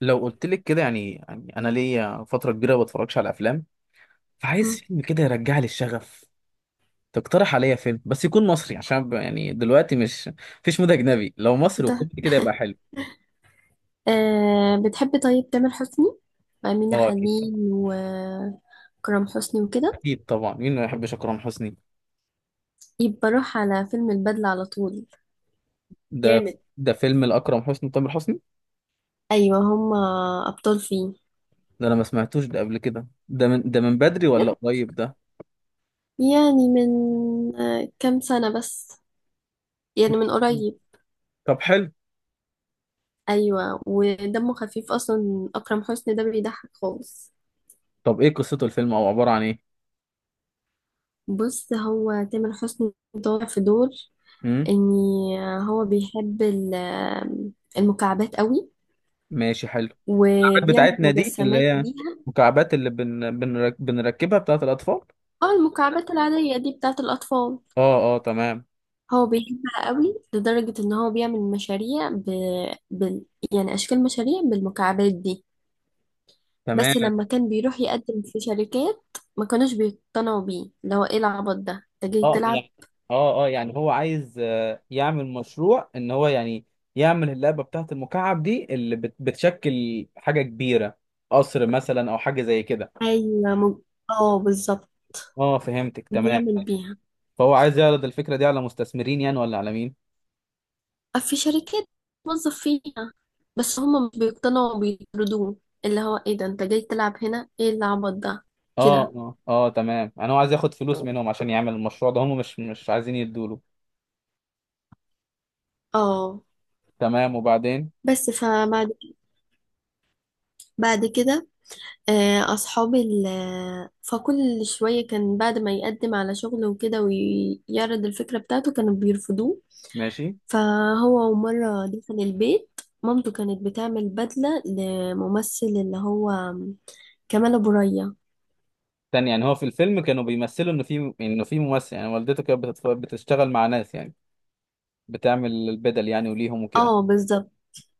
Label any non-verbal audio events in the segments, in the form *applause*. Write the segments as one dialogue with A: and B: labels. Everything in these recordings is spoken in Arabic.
A: لو قلت لك كده يعني انا ليا فتره كبيره ما بتفرجش على افلام، فعايز
B: مم.
A: فيلم كده يرجع لي الشغف. تقترح عليا فيلم بس يكون مصري عشان يعني دلوقتي مش مفيش مود اجنبي، لو مصري
B: فتح.
A: وكوميدي كده يبقى حلو.
B: بتحبي طيب تامر حسني، وأمينة
A: اه اكيد طبعا،
B: خليل، وكرم حسني، وكده.
A: اكيد طبعا مين ما يحبش اكرم حسني.
B: يبقى روح على فيلم البدلة على طول.
A: ده
B: جامد.
A: ده فيلم لاكرم حسني وتامر حسني.
B: أيوة، هما أبطال فيه.
A: ده انا ما سمعتوش ده قبل كده، ده من بدري ولا
B: بجد؟
A: قريب؟ ده
B: يعني من كام سنة بس، يعني من
A: مم.
B: قريب.
A: طب حلو.
B: أيوة، ودمه خفيف أصلا، أكرم حسني ده بيضحك خالص.
A: طب ايه قصته الفيلم او عباره عن ايه؟
B: بص، هو تامر حسني طالع في دور
A: امم
B: إن هو بيحب المكعبات قوي،
A: ماشي حلو.
B: وبيعمل
A: بتاعتنا دي اللي
B: مجسمات
A: هي
B: بيها.
A: مكعبات، اللي بنركبها بتاعت الأطفال.
B: اه، المكعبات العادية دي بتاعة الأطفال.
A: اه اه تمام.
B: هو بيحبها قوي لدرجة ان هو بيعمل مشاريع بال... يعني أشكال مشاريع بالمكعبات دي.
A: تمام
B: بس لما كان بيروح يقدم في شركات ما كانوش بيقتنعوا بيه، اللي هو ايه العبط ده، انت جاي
A: اه
B: تلعب.
A: يعني، اه اه يعني هو عايز، يعمل مشروع ان هو يعني يعمل اللعبة بتاعت المكعب دي، اللي بتشكل حاجة كبيرة، قصر مثلا او حاجة زي كده.
B: ايوه اه، بالظبط،
A: اه فهمتك تمام.
B: بيعمل بيها.
A: فهو عايز يعرض الفكرة دي على مستثمرين يعني، ولا على مين؟
B: في شركات موظف فيها، بس هم مش بيقتنعوا، بيطردوه، اللي هو ايه ده، انت جاي تلعب هنا، ايه العبط ده.
A: اه
B: كده.
A: اه اه تمام، يعني هو عايز ياخد فلوس منهم عشان يعمل المشروع ده، هم مش عايزين يدوله.
B: اه.
A: تمام وبعدين.
B: بس فبعد كده، آه، أصحابي ال- آه، فكل شوية كان بعد ما يقدم على شغل وكده ويعرض الفكرة بتاعته كانوا بيرفضوه.
A: ماشي.
B: فهو مرة دخل البيت، مامته كانت بتعمل بدلة لممثل اللي هو كمال أبو ريا.
A: تاني يعني هو في الفيلم كانوا بيمثلوا انه في ممثل يعني، والدته كانت بتشتغل مع ناس يعني، بتعمل البدل يعني وليهم وكده.
B: اه، بالظبط،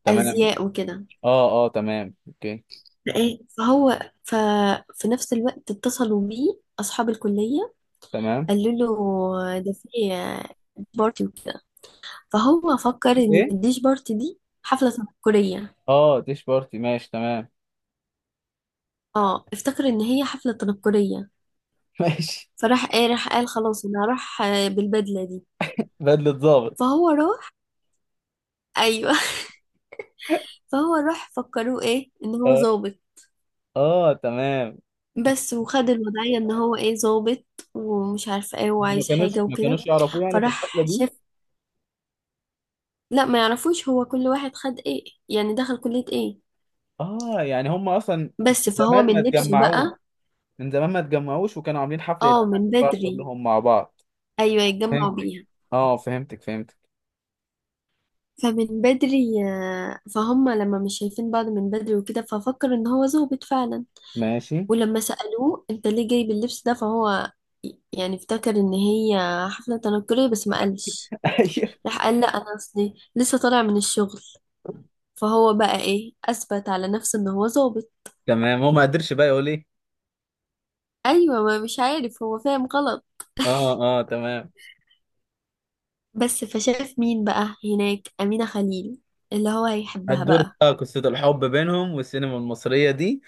A: تمام ماشي.
B: أزياء وكده.
A: اه اه تمام اوكي.
B: فإيه فهو ففي نفس الوقت اتصلوا بيه أصحاب الكلية،
A: تمام.
B: قالوا له ده في بارتي وكده. فهو فكر ان
A: ايه.
B: الديش بارتي دي حفلة تنكرية.
A: اه ديش بارتي ماشي تمام.
B: اه، افتكر ان هي حفلة تنكرية.
A: *laughs* ماشي.
B: فراح قال خلاص انا هروح بالبدلة دي.
A: بدلة ضابط.
B: فهو راح *laughs* ايوه، فهو راح فكروه ايه ان هو
A: اه.
B: ظابط.
A: اه تمام.
B: بس وخد الوضعية ان هو ايه، ظابط ومش عارفه ايه،
A: ما
B: وعايز
A: كانوش
B: حاجة
A: ما
B: وكده.
A: كانوش يعرفوه يعني في الحفلة
B: فراح
A: دي؟
B: شاف، لا ما يعرفوش، هو كل واحد خد ايه، يعني دخل كلية ايه.
A: اه يعني هم اصلا
B: بس فهو
A: زمان ما
B: من لبسه
A: اتجمعوش
B: بقى.
A: من زمان ما اتجمعوش وكانوا عاملين حفلة
B: اه، من بدري.
A: كلهم مع بعض.
B: ايوه، يتجمعوا
A: فهمتك.
B: بيها.
A: اه فهمتك فهمتك.
B: فمن بدري فهم لما مش شايفين بعض من بدري وكده ففكر ان هو ظابط فعلا.
A: ماشي.
B: ولما سألوه انت ليه جايب اللبس ده، فهو يعني افتكر ان هي حفلة تنكرية بس ما قالش.
A: *laughs* ايوه.
B: راح قال لا، انا اصلي لسه طالع من الشغل، فهو بقى ايه، اثبت على نفسه ان هو ظابط.
A: تمام، هو ما قدرش بقى يقول ايه.
B: ايوه، ما مش عارف، هو فاهم غلط.
A: اه اه تمام.
B: بس فشاف مين بقى هناك، أمينة خليل، اللي هو هيحبها
A: هتدور
B: بقى.
A: بقى قصة الحب بينهم، والسينما المصرية دي،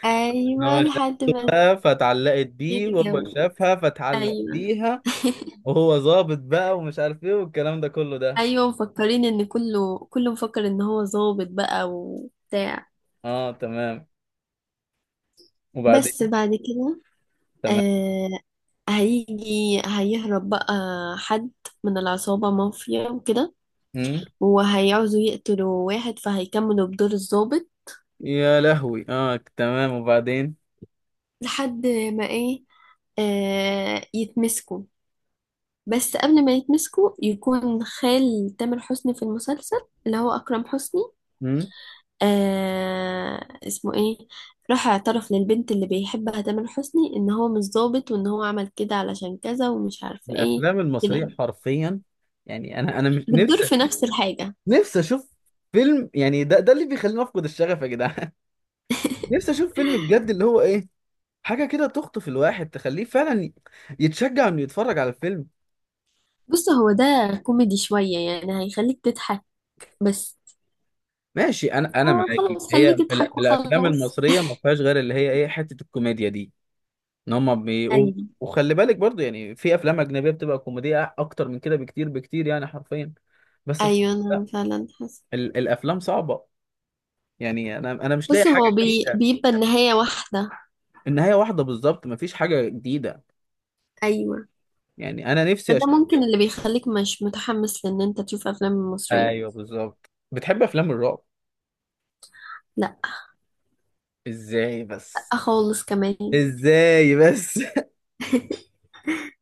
A: إن
B: ايوه،
A: هو
B: لحد ما
A: شافها فتعلقت بيه، وهو
B: يتجوز.
A: شافها فتعلق
B: ايوه.
A: بيها.
B: *laughs*
A: وهو ظابط بقى، ومش عارف ايه والكلام ده كله ده.
B: ايوه، مفكرين ان كله كله مفكر ان هو ظابط بقى وبتاع.
A: اه تمام
B: بس
A: وبعدين.
B: بعد كده
A: تمام.
B: آه هيهرب بقى حد من العصابة، مافيا وكده،
A: مم.
B: وهيعوزوا يقتلوا واحد فهيكملوا بدور الظابط.
A: يا لهوي اه تمام وبعدين.
B: لحد ما ايه آه يتمسكوا، بس قبل ما يتمسكوا يكون خال تامر حسني في المسلسل، اللي هو أكرم حسني،
A: مم.
B: آه اسمه ايه راح اعترف للبنت اللي بيحبها تامر حسني ان هو مش ظابط، وان هو عمل كده علشان كذا ومش عارفه ايه،
A: الافلام
B: كده
A: المصرية
B: يعني.
A: حرفيا، يعني انا مش
B: بتدور
A: نفسي،
B: في نفس الحاجه.
A: نفسي اشوف فيلم، يعني ده اللي بيخليني افقد الشغف يا جدعان. *laughs* نفسي
B: *laughs*
A: اشوف فيلم بجد، اللي هو ايه، حاجه كده تخطف الواحد، تخليه فعلا يتشجع انه يتفرج على الفيلم.
B: بص، هو ده كوميدي شويه، يعني هيخليك تضحك بس.
A: ماشي، انا
B: آه،
A: معاكي،
B: خلاص
A: هي
B: خليك تضحك
A: الافلام
B: وخلاص.
A: المصريه ما فيهاش غير اللي هي ايه حته الكوميديا دي، ان هم
B: *laughs*
A: بيقوا.
B: ايوه.
A: وخلي بالك برضو، يعني في افلام اجنبيه بتبقى كوميديه اكتر من كده بكتير بكتير يعني، حرفيا. بس في...
B: ايوه،
A: لا
B: انا فعلا حاسه.
A: الافلام صعبه، يعني انا مش لاقي
B: بص،
A: حاجه
B: هو
A: جديده.
B: بيبقى النهايه واحده.
A: النهايه واحده بالظبط، ما فيش حاجه جديده.
B: ايوه،
A: يعني انا نفسي
B: فده ممكن اللي بيخليك مش متحمس لان انت تشوف افلام مصريه.
A: ايوه بالظبط. بتحب افلام الرعب؟
B: لا
A: ازاي بس.
B: خالص كمان،
A: ازاي بس.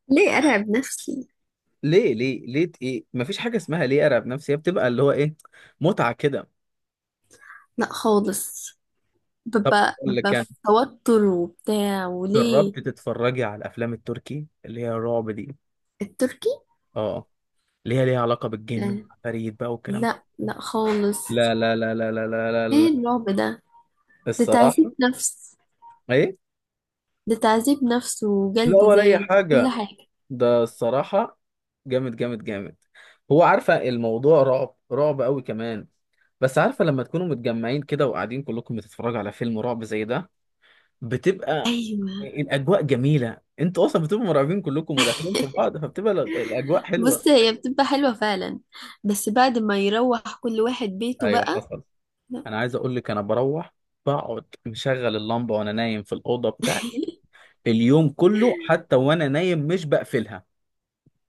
B: ليه أرعب نفسي.
A: ليه ليه ليه ايه، مفيش حاجه اسمها ليه ارعب نفسي، هي بتبقى اللي هو ايه، متعه كده.
B: لا خالص،
A: طب
B: ببقى
A: اقول لك
B: ببقى
A: يعني،
B: في توتر وبتاع، وليه.
A: جربت تتفرجي على الافلام التركي اللي هي الرعب دي؟
B: التركي؟
A: اه، اللي هي ليها علاقه بالجن
B: آه،
A: فريد بقى والكلام ده.
B: لا، لا، خالص،
A: لا لا لا لا لا لا لا
B: ايه
A: لا.
B: الرعب ده، ده
A: الصراحه،
B: تعذيب نفس.
A: ايه،
B: ده تعذيب نفس،
A: لا
B: وجلد
A: ولا اي
B: ذات، وكل
A: حاجه،
B: حاجة.
A: ده الصراحه جامد جامد جامد. هو عارفه الموضوع رعب رعب قوي كمان، بس عارفه لما تكونوا متجمعين كده وقاعدين كلكم بتتفرجوا على فيلم رعب زي ده، بتبقى
B: ايوه،
A: الاجواء جميله، انتوا اصلا بتبقوا مرعوبين كلكم وداخلين في بعض، فبتبقى الاجواء حلوه.
B: بص، هي بتبقى حلوة فعلا، بس بعد ما يروح كل واحد بيته
A: ايوه
B: بقى.
A: حصل.
B: لا.
A: انا عايز اقول لك، انا بروح بقعد مشغل اللمبه وانا نايم في الاوضه بتاعتي، اليوم كله حتى وانا نايم مش بقفلها.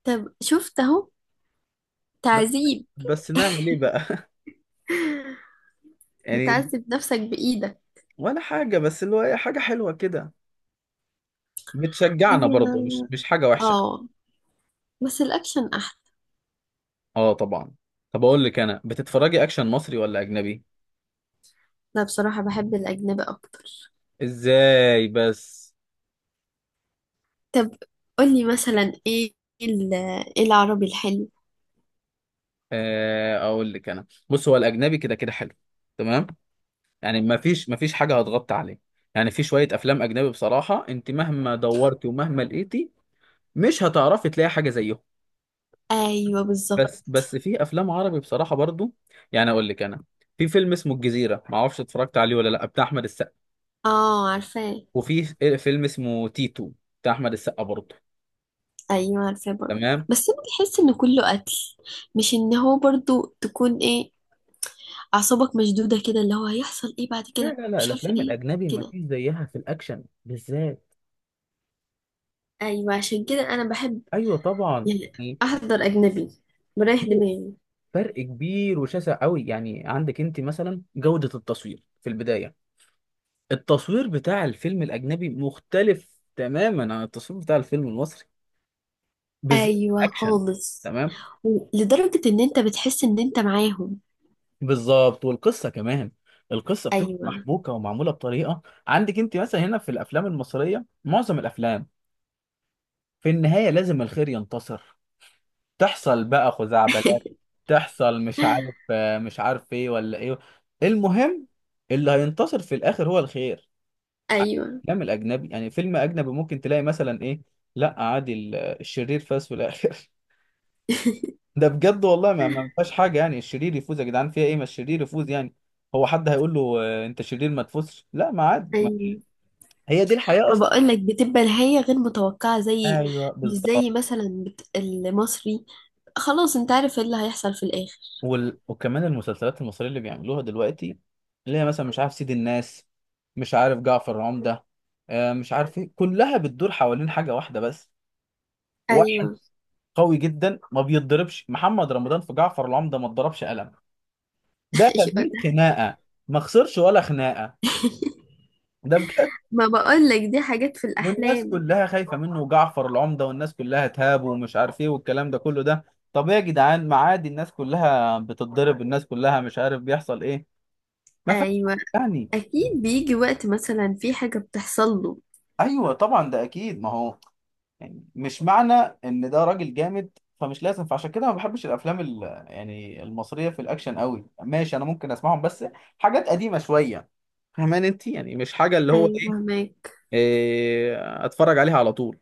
B: طب شفت اهو،
A: بس
B: تعذيب،
A: بس نعمل ايه بقى. *laughs* يعني،
B: بتعذب نفسك بإيدك.
A: ولا حاجه بس اللي هو حاجه حلوه كده،
B: هي،
A: بتشجعنا برضه، مش حاجه وحشه.
B: اه، بس الأكشن أحلى.
A: اه طبعا. طب اقول لك، انا بتتفرجي اكشن مصري ولا اجنبي؟
B: لا، بصراحة بحب الأجنبي أكتر.
A: ازاي بس.
B: طب قولي مثلا ال- ايه العربي الحلو.
A: اقول لك انا، بص هو الاجنبي كده كده حلو، تمام، يعني ما فيش حاجه هتغطي عليه. يعني في شويه افلام اجنبي بصراحه، انت مهما دورتي ومهما لقيتي مش هتعرفي تلاقي حاجه زيهم.
B: ايوه، بالظبط.
A: بس في افلام عربي بصراحه برضو، يعني اقول لك انا، في فيلم اسمه الجزيره، ما اعرفش اتفرجت عليه ولا لا، بتاع احمد السقا.
B: اه، عارفاه.
A: وفي فيلم اسمه تيتو بتاع احمد السقا برضو.
B: ايوه، عارفاه برضه.
A: تمام.
B: بس انا بحس ان كله قتل، مش ان هو برضه تكون ايه، اعصابك مشدوده كده، اللي هو هيحصل ايه بعد
A: لا
B: كده،
A: لا لا
B: مش عارفه
A: الافلام
B: ايه.
A: الاجنبي ما
B: كده.
A: فيش زيها في الاكشن بالذات.
B: ايوه، عشان كده انا بحب
A: ايوه طبعا.
B: يعني احضر اجنبي، بريح دماغي.
A: فرق كبير وشاسع قوي، يعني عندك انت مثلا جودة التصوير في البداية، التصوير بتاع الفيلم الأجنبي مختلف تماما عن التصوير بتاع الفيلم المصري، بالذات في
B: ايوه،
A: الأكشن.
B: خالص.
A: تمام.
B: لدرجه ان انت بتحس ان انت معاهم.
A: بالظبط، والقصة كمان القصة بتبقى
B: ايوه.
A: محبوكة ومعمولة بطريقة، عندك انت مثلا هنا في الأفلام المصرية معظم الأفلام في النهاية لازم الخير ينتصر، تحصل بقى خزعبلات، تحصل مش
B: *laughs*
A: عارف، مش عارف ايه ولا ايه، المهم اللي هينتصر في الآخر هو الخير.
B: ايوه،
A: الافلام الاجنبي يعني، فيلم اجنبي ممكن تلاقي مثلا ايه، لا عادي الشرير فاز في الاخر. *laughs* ده بجد والله، ما فيهاش حاجه يعني الشرير يفوز يا جدعان، فيها ايه ما الشرير يفوز يعني، هو حد هيقول له انت شرير ما تفوزش؟ لا ما عادي ما.
B: ايوه،
A: هي دي الحياه
B: ما
A: اصلا.
B: بقولك بتبقى نهاية غير متوقعة، زي
A: ايوه
B: مش
A: بالظبط.
B: زي مثلا المصري، خلاص انت عارف ايه اللي هيحصل في الآخر.
A: وكمان المسلسلات المصريه اللي بيعملوها دلوقتي، اللي هي مثلا مش عارف سيد الناس، مش عارف جعفر العمده، مش عارف ايه، كلها بتدور حوالين حاجه واحده بس،
B: ايوه.
A: واحد قوي جدا ما بيتضربش. محمد رمضان في جعفر العمده ما اتضربش قلم، ده
B: *laughs*
A: كان
B: ايوه
A: 100
B: ده،
A: خناقه ما خسرش ولا خناقه، ده بجد.
B: ما بقولك دي حاجات في
A: والناس
B: الأحلام.
A: كلها خايفه منه، وجعفر العمده والناس كلها تهابه ومش عارف ايه والكلام ده كله ده. طب ايه يا جدعان، ما عادي الناس كلها بتتضرب، الناس كلها مش عارف بيحصل ايه، ما فيهاش
B: ايوه،
A: حاجة يعني.
B: اكيد بيجي وقت مثلا في حاجة بتحصل له.
A: ايوه طبعا، ده اكيد ما هو، يعني مش معنى ان ده راجل جامد فمش لازم، فعشان كده ما بحبش الافلام يعني المصريه في الاكشن قوي، ماشي انا ممكن اسمعهم بس حاجات قديمه شويه، فاهمان انت يعني، مش حاجه اللي هو
B: ايوه
A: إيه.
B: ماك.
A: إيه، اتفرج عليها على طول